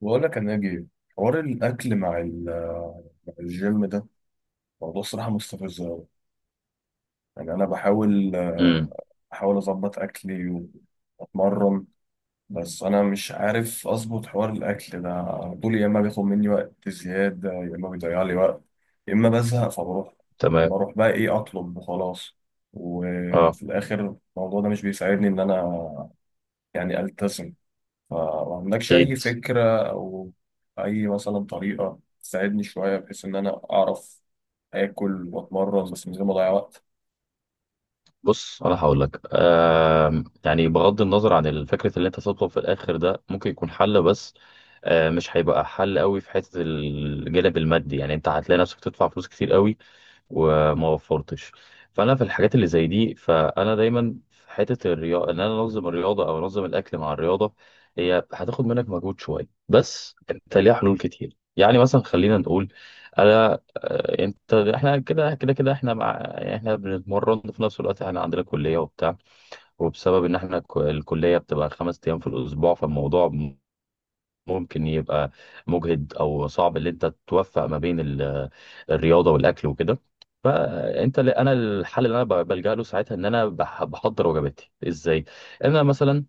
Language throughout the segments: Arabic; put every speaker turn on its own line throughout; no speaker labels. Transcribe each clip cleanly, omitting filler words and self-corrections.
بقول لك يا ناجي، حوار الاكل مع مع الجيم ده موضوع صراحه مستفز أوي. يعني انا بحاول
امم
بحاول اظبط اكلي واتمرن. بس انا مش عارف اظبط حوار الاكل ده على طول. يا اما بياخد مني وقت زياده، يا اما بيضيع لي وقت، يا اما بزهق فبروح
تمام.
بروح بقى ايه اطلب وخلاص.
اه
وفي الاخر الموضوع ده مش بيساعدني ان انا يعني التزم. فما عندكش
اكيد.
أي فكرة أو أي مثلا طريقة تساعدني شوية بحيث إن أنا أعرف آكل وأتمرن بس من غير ما أضيع وقت؟
بص، انا هقول لك يعني بغض النظر عن الفكره اللي انت تطلب في الاخر ده ممكن يكون حل، بس مش هيبقى حل قوي في حته الجانب المادي. يعني انت هتلاقي نفسك تدفع فلوس كتير قوي وما وفرتش. فانا في الحاجات اللي زي دي، فانا دايما في حته الرياضه ان انا انظم الرياضه او انظم الاكل مع الرياضه. هي هتاخد منك مجهود شويه، بس انت ليها حلول كتير. يعني مثلا خلينا نقول انا آه، انت احنا كده احنا مع يعني احنا بنتمرن وفي نفس الوقت احنا عندنا كليه وبتاع. وبسبب ان احنا الكليه بتبقى خمس ايام في الاسبوع، فالموضوع ممكن يبقى مجهد او صعب اللي انت توفق ما بين الرياضه والاكل وكده. فانت اللي انا الحل اللي انا بلجأ له ساعتها ان انا بحضر وجباتي ازاي. انا مثلا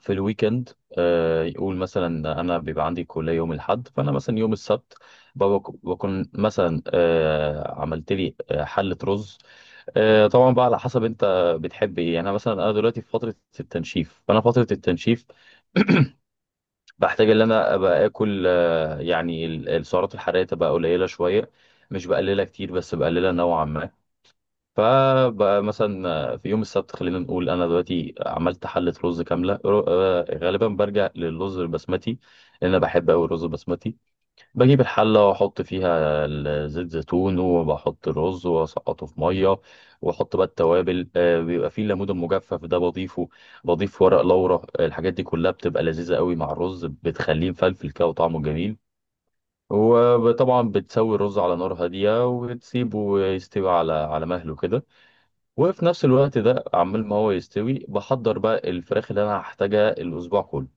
في الويكند، يقول مثلا انا بيبقى عندي كليه يوم الاحد، فانا مثلا يوم السبت بكون مثلا عملت لي حله رز. طبعا بقى على حسب انت بتحب ايه. يعني انا مثلا انا دلوقتي في فتره التنشيف، فانا فتره التنشيف بحتاج ان انا ابقى اكل السعرات الحراريه تبقى قليله شويه، مش بقللها كتير بس بقللها نوعا ما. فبقى مثلا في يوم السبت، خلينا نقول انا دلوقتي عملت حله رز كامله. غالبا برجع للرز البسمتي لان انا بحب قوي الرز البسمتي. بجيب الحلة وأحط فيها زيت زيتون، وبحط الرز وأسقطه في مية، وأحط بقى التوابل. بيبقى فيه الليمون المجفف ده بضيفه، بضيف ورق لورا. الحاجات دي كلها بتبقى لذيذة قوي مع الرز، بتخليه مفلفل كده وطعمه جميل. وطبعا بتسوي الرز على نار هادية وبتسيبه يستوي على مهله كده. وفي نفس الوقت ده عمال ما هو يستوي، بحضر بقى الفراخ اللي أنا هحتاجها الأسبوع كله.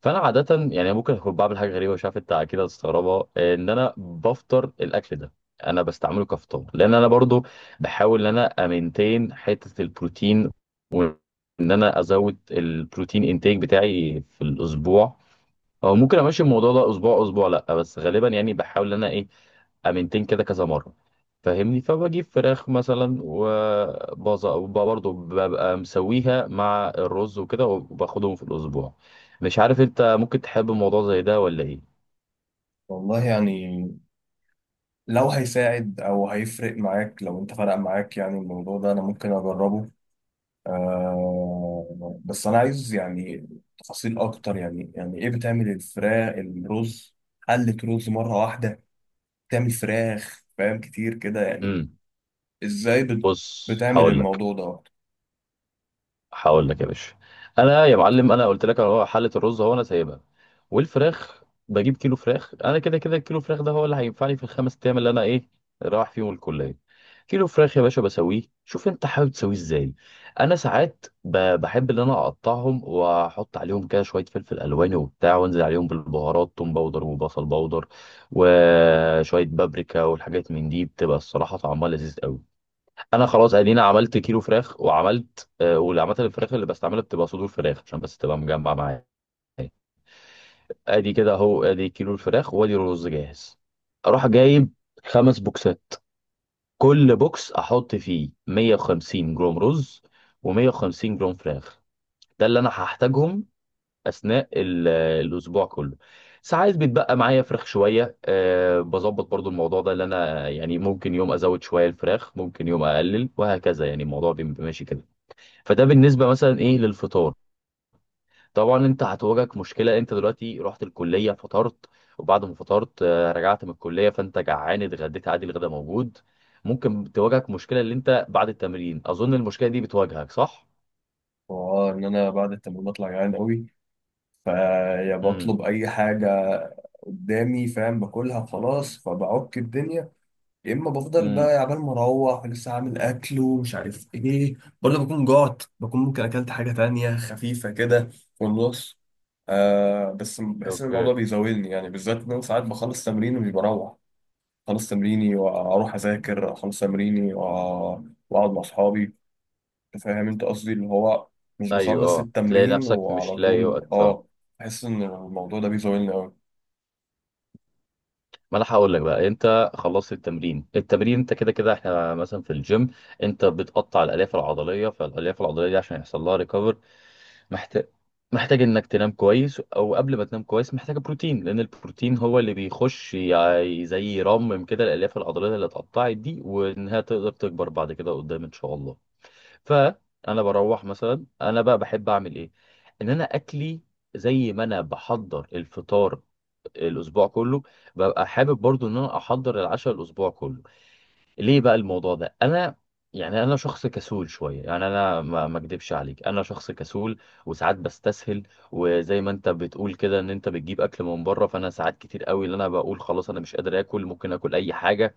فانا عاده يعني ممكن اكون بعمل حاجه غريبه، مش عارف انت اكيد هتستغربها، ان انا بفطر الاكل ده. انا بستعمله كفطار لان انا برضو بحاول ان انا امنتين حته البروتين، وان انا ازود البروتين انتاج بتاعي في الاسبوع. او ممكن امشي الموضوع ده اسبوع اسبوع، لا بس غالبا يعني بحاول ان انا ايه، امنتين كده كذا مره، فاهمني. فبجيب فراخ مثلا برضه ببقى مسويها مع الرز وكده، وباخدهم في الاسبوع. مش عارف انت ممكن تحب موضوع زي ده ولا ايه.
والله يعني لو هيساعد أو هيفرق معاك، لو أنت فرق معاك يعني، الموضوع ده أنا ممكن أجربه. آه، بس أنا عايز يعني تفاصيل أكتر. يعني يعني إيه بتعمل الفراخ الرز؟ قلة رز مرة واحدة، بتعمل فراخ فاهم كتير كده يعني؟
امم
إزاي
بص،
بتعمل الموضوع ده؟
هقول لك يا باشا. انا يا معلم، انا قلت لك اهو حله الرز اهو انا سايبها، والفراخ بجيب كيلو فراخ. انا كده كده الكيلو فراخ ده هو اللي هينفعني في الخمس ايام اللي انا ايه، رايح فيهم الكليه. كيلو فراخ يا باشا بسويه، شوف انت حابب تسويه ازاي. انا ساعات بحب ان انا اقطعهم واحط عليهم كده شويه فلفل الواني وبتاع، وانزل عليهم بالبهارات: توم باودر وبصل باودر وشويه بابريكا. والحاجات من دي بتبقى الصراحه طعمها لذيذ قوي. انا خلاص ادينا عملت كيلو فراخ وعملت آه، واللي عملت الفراخ اللي بستعملها بتبقى صدور فراخ عشان بس تبقى مجمع معايا. ادي كده اهو، ادي كيلو الفراخ وادي الرز جاهز. اروح جايب خمس بوكسات، كل بوكس احط فيه 150 جرام رز و150 جرام فراخ. ده اللي انا هحتاجهم اثناء الاسبوع كله. ساعات بيتبقى معايا فراخ شويه، أه بظبط برضو الموضوع ده. اللي انا يعني ممكن يوم ازود شويه الفراخ، ممكن يوم اقلل، وهكذا. يعني الموضوع بيبقى ماشي كده. فده بالنسبه مثلا ايه للفطار. طبعا انت هتواجهك مشكله، انت دلوقتي رحت الكليه فطرت، وبعد ما فطرت رجعت من الكليه فانت جعان، اتغديت عادي الغدا موجود. ممكن تواجهك مشكله اللي انت بعد التمرين، اظن المشكله دي بتواجهك صح.
واه، ان انا بعد التمرين بطلع جعان قوي، فيا
امم
بطلب اي حاجه قدامي فاهم، باكلها وخلاص فبعك الدنيا، يا اما بفضل
امم
بقى عبال ما اروح لسه عامل اكل ومش عارف ايه، ولا بكون جعت، بكون ممكن اكلت حاجه تانية خفيفه كده في النص. آه بس بحس ان
اوكي.
الموضوع بيزاولني، يعني بالذات ان انا ساعات بخلص تمرين ومش بروح. خلص تمريني واروح اذاكر، اخلص تمريني واقعد مع اصحابي. انت فاهم انت قصدي، اللي هو مش
ايوه
بخلص
اه، تلاقي
التمرين
نفسك مش
وعلى
لاقي
طول
وقت.
اه. بحس ان الموضوع ده بيزولني قوي.
ما انا هقول لك بقى. انت خلصت التمرين، التمرين انت كده كده احنا مثلا في الجيم انت بتقطع الالياف العضليه. فالالياف العضليه دي عشان يحصل لها ريكفر محتاج، محتاج انك تنام كويس، او قبل ما تنام كويس محتاج بروتين، لان البروتين هو اللي بيخش يعني زي يرمم كده الالياف العضليه اللي اتقطعت دي، وانها تقدر تكبر بعد كده قدام ان شاء الله. فانا بروح مثلا، انا بقى بحب اعمل ايه؟ ان انا اكلي زي ما انا بحضر الفطار الاسبوع كله، ببقى حابب برضو ان انا احضر العشاء الاسبوع كله. ليه بقى الموضوع ده؟ انا يعني انا شخص كسول شويه، يعني انا ما اكدبش عليك، انا شخص كسول وساعات بستسهل. وزي ما انت بتقول كده ان انت بتجيب اكل من بره، فانا ساعات كتير قوي اللي انا بقول خلاص انا مش قادر اكل، ممكن اكل اي حاجه،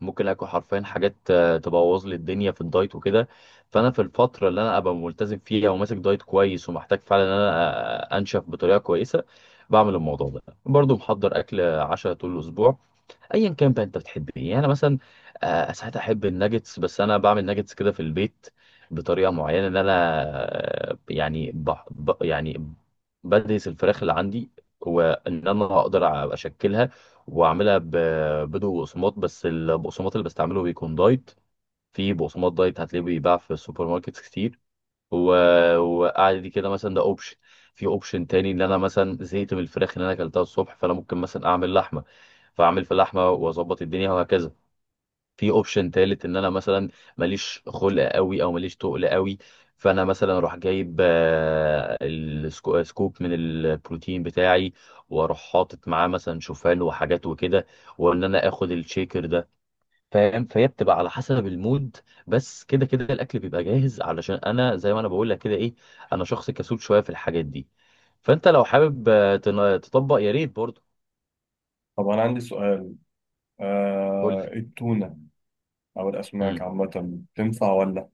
ممكن اكل حرفيا حاجات تبوظ لي الدنيا في الدايت وكده. فانا في الفتره اللي انا ابقى ملتزم فيها وماسك دايت كويس ومحتاج فعلا ان انا انشف بطريقه كويسه، بعمل الموضوع ده برضو، محضر اكل عشاء طول الاسبوع. ايا كان بقى انت بتحب ايه. يعني انا مثلا ساعات احب الناجتس، بس انا بعمل ناجتس كده في البيت بطريقه معينه ان انا آه، يعني بح ب يعني بدرس الفراخ اللي عندي، وان انا اقدر اشكلها واعملها بدون بقسماط، بس البقسماط اللي بستعمله بيكون دايت. في بقسماط دايت هتلاقيه بيتباع في السوبر ماركت كتير. و... وقعد دي كده مثلا، ده اوبشن. في اوبشن تاني ان انا مثلا زهقت من الفراخ اللي انا اكلتها الصبح، فانا ممكن مثلا اعمل لحمه، فاعمل في لحمه واظبط الدنيا وهكذا. في اوبشن تالت ان انا مثلا ماليش خلق قوي او ماليش تقل قوي، فانا مثلا اروح جايب سكوب من البروتين بتاعي، واروح حاطط معاه مثلا شوفان وحاجات وكده، وان انا اخد الشيكر ده، فاهم. فهي بتبقى على حسب المود، بس كده كده الاكل بيبقى جاهز. علشان انا زي ما انا بقول لك كده ايه، انا شخص كسول شويه في الحاجات دي. فانت لو حابب تطبق يا ريت برضه.
طب انا عندي سؤال،
قول لي.
آه التونة او الاسماك
امم
عامة تنفع ولا؟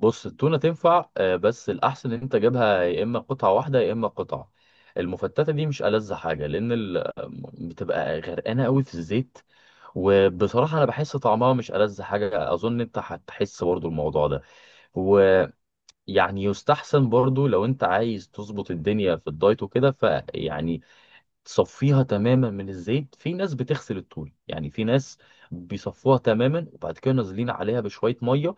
بص، التونه تنفع بس الاحسن ان انت جايبها يا اما قطعه واحده يا اما قطعه. المفتته دي مش ألذ حاجه، لان بتبقى غرقانه قوي في الزيت، وبصراحه انا بحس طعمها مش ألذ حاجه، اظن انت هتحس برضه الموضوع ده. يعني يستحسن برضو لو انت عايز تظبط الدنيا في الدايت وكده، فيعني تصفيها تماما من الزيت. في ناس بتغسل الطول، يعني في ناس بيصفوها تماما وبعد كده نازلين عليها بشوية مية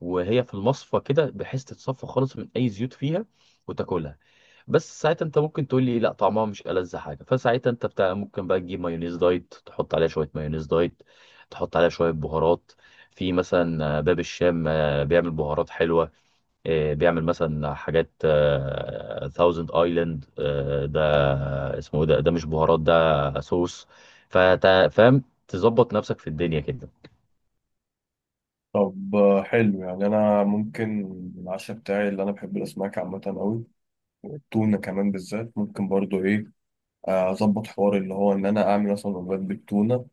وهي في المصفى كده، بحيث تتصفى خالص من اي زيوت فيها وتاكلها. بس ساعتها انت ممكن تقول لي لا طعمها مش ألذ حاجة، فساعتها انت بتاع ممكن بقى تجيب مايونيز دايت، تحط عليها شوية مايونيز دايت، تحط عليها شوية بهارات. في مثلا باب الشام بيعمل بهارات حلوة، بيعمل مثلا حاجات ثاوزند ايلاند ده. اسمه إيه ده؟ ده مش بهارات، ده صوص. فاهم، تظبط نفسك في الدنيا كده.
طب حلو. يعني انا ممكن العشاء بتاعي، اللي انا بحب الاسماك عامة قوي والتونة كمان بالذات، ممكن برضو ايه اظبط حوار اللي هو ان انا اعمل مثلا وجبات بالتونة.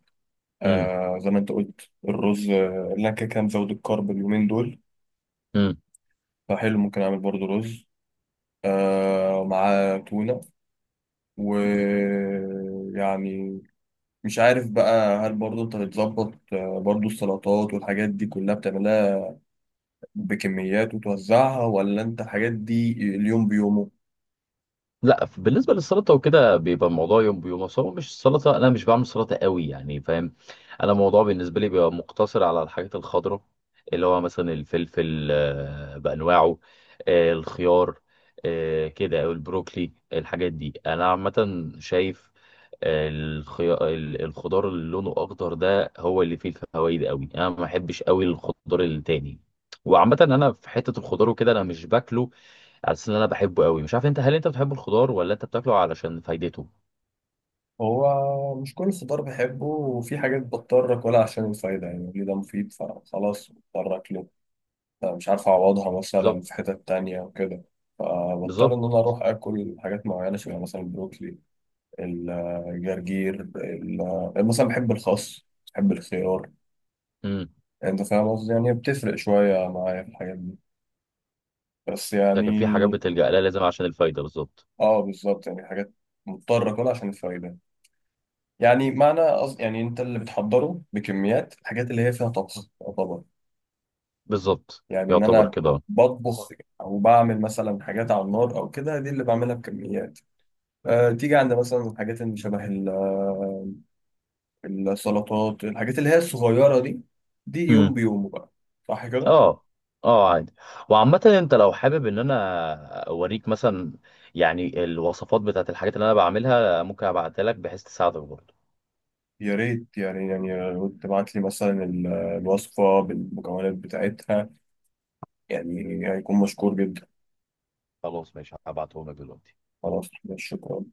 امم
آه زي ما انت قلت الرز، اللي انا كده كده مزود الكرب اليومين دول.
امم
فحلو ممكن اعمل برضو رز آه مع تونة. ويعني مش عارف بقى، هل برضه انت بتظبط برضه السلطات والحاجات دي كلها بتعملها بكميات وتوزعها، ولا انت الحاجات دي اليوم بيومه؟
لا، بالنسبه للسلطه وكده بيبقى الموضوع يوم بيوم. أصل هو مش السلطه، انا مش بعمل سلطه قوي يعني، فاهم. انا الموضوع بالنسبه لي بيبقى مقتصر على الحاجات الخضراء، اللي هو مثلا الفلفل بانواعه، الخيار، كده، او البروكلي. الحاجات دي انا عامه شايف الخضار اللي لونه اخضر ده هو اللي فيه الفوائد قوي. انا ما بحبش قوي الخضار التاني. وعامة انا في حتة الخضار وكده انا مش باكله على اساس ان انا بحبه قوي. مش عارف انت، هل انت بتحب الخضار ولا انت بتاكله علشان فايدته؟
هو مش كل خضار بحبه، وفي حاجات بضطر اكلها عشان الفايدة، يعني ليه ده مفيد فخلاص بضطر اكله. مش عارف اعوضها مثلا
بالظبط.
في حتت تانية وكده، فبضطر
بالظبط.
ان انا اروح اكل حاجات معينة شبه مثلا البروكلي، الجرجير، مثلا بحب الخس، بحب الخيار.
امم
يعني انت فاهم قصدي، يعني بتفرق شوية معايا في الحاجات دي. بس
لكن في حاجات
يعني
بتلجأ لها لازم عشان الفايدة. بالظبط.
اه بالظبط، يعني حاجات مضطر اكلها عشان الفايدة. يعني معنى قصد، يعني انت اللي بتحضره بكميات الحاجات اللي هي فيها طبخ. طبعا،
بالظبط،
يعني ان
يعتبر
انا
كده.
بطبخ او بعمل مثلا حاجات على النار او كده، دي اللي بعملها بكميات. أه تيجي عند مثلا الحاجات اللي شبه السلطات، الحاجات اللي هي الصغيرة دي، دي يوم
امم
بيومه بقى. صح كده؟
اه. اه عادي. وعامة انت لو حابب ان انا اوريك مثلا يعني الوصفات بتاعت الحاجات اللي انا بعملها، ممكن ابعتها لك بحيث تساعدك برضه.
يا ريت، يعني يعني لو تبعت لي مثلا الوصفة بالمكونات بتاعتها، يعني هيكون مشكور جدا.
خلاص ماشي، هبعتهم لك دلوقتي.
خلاص، شكرا.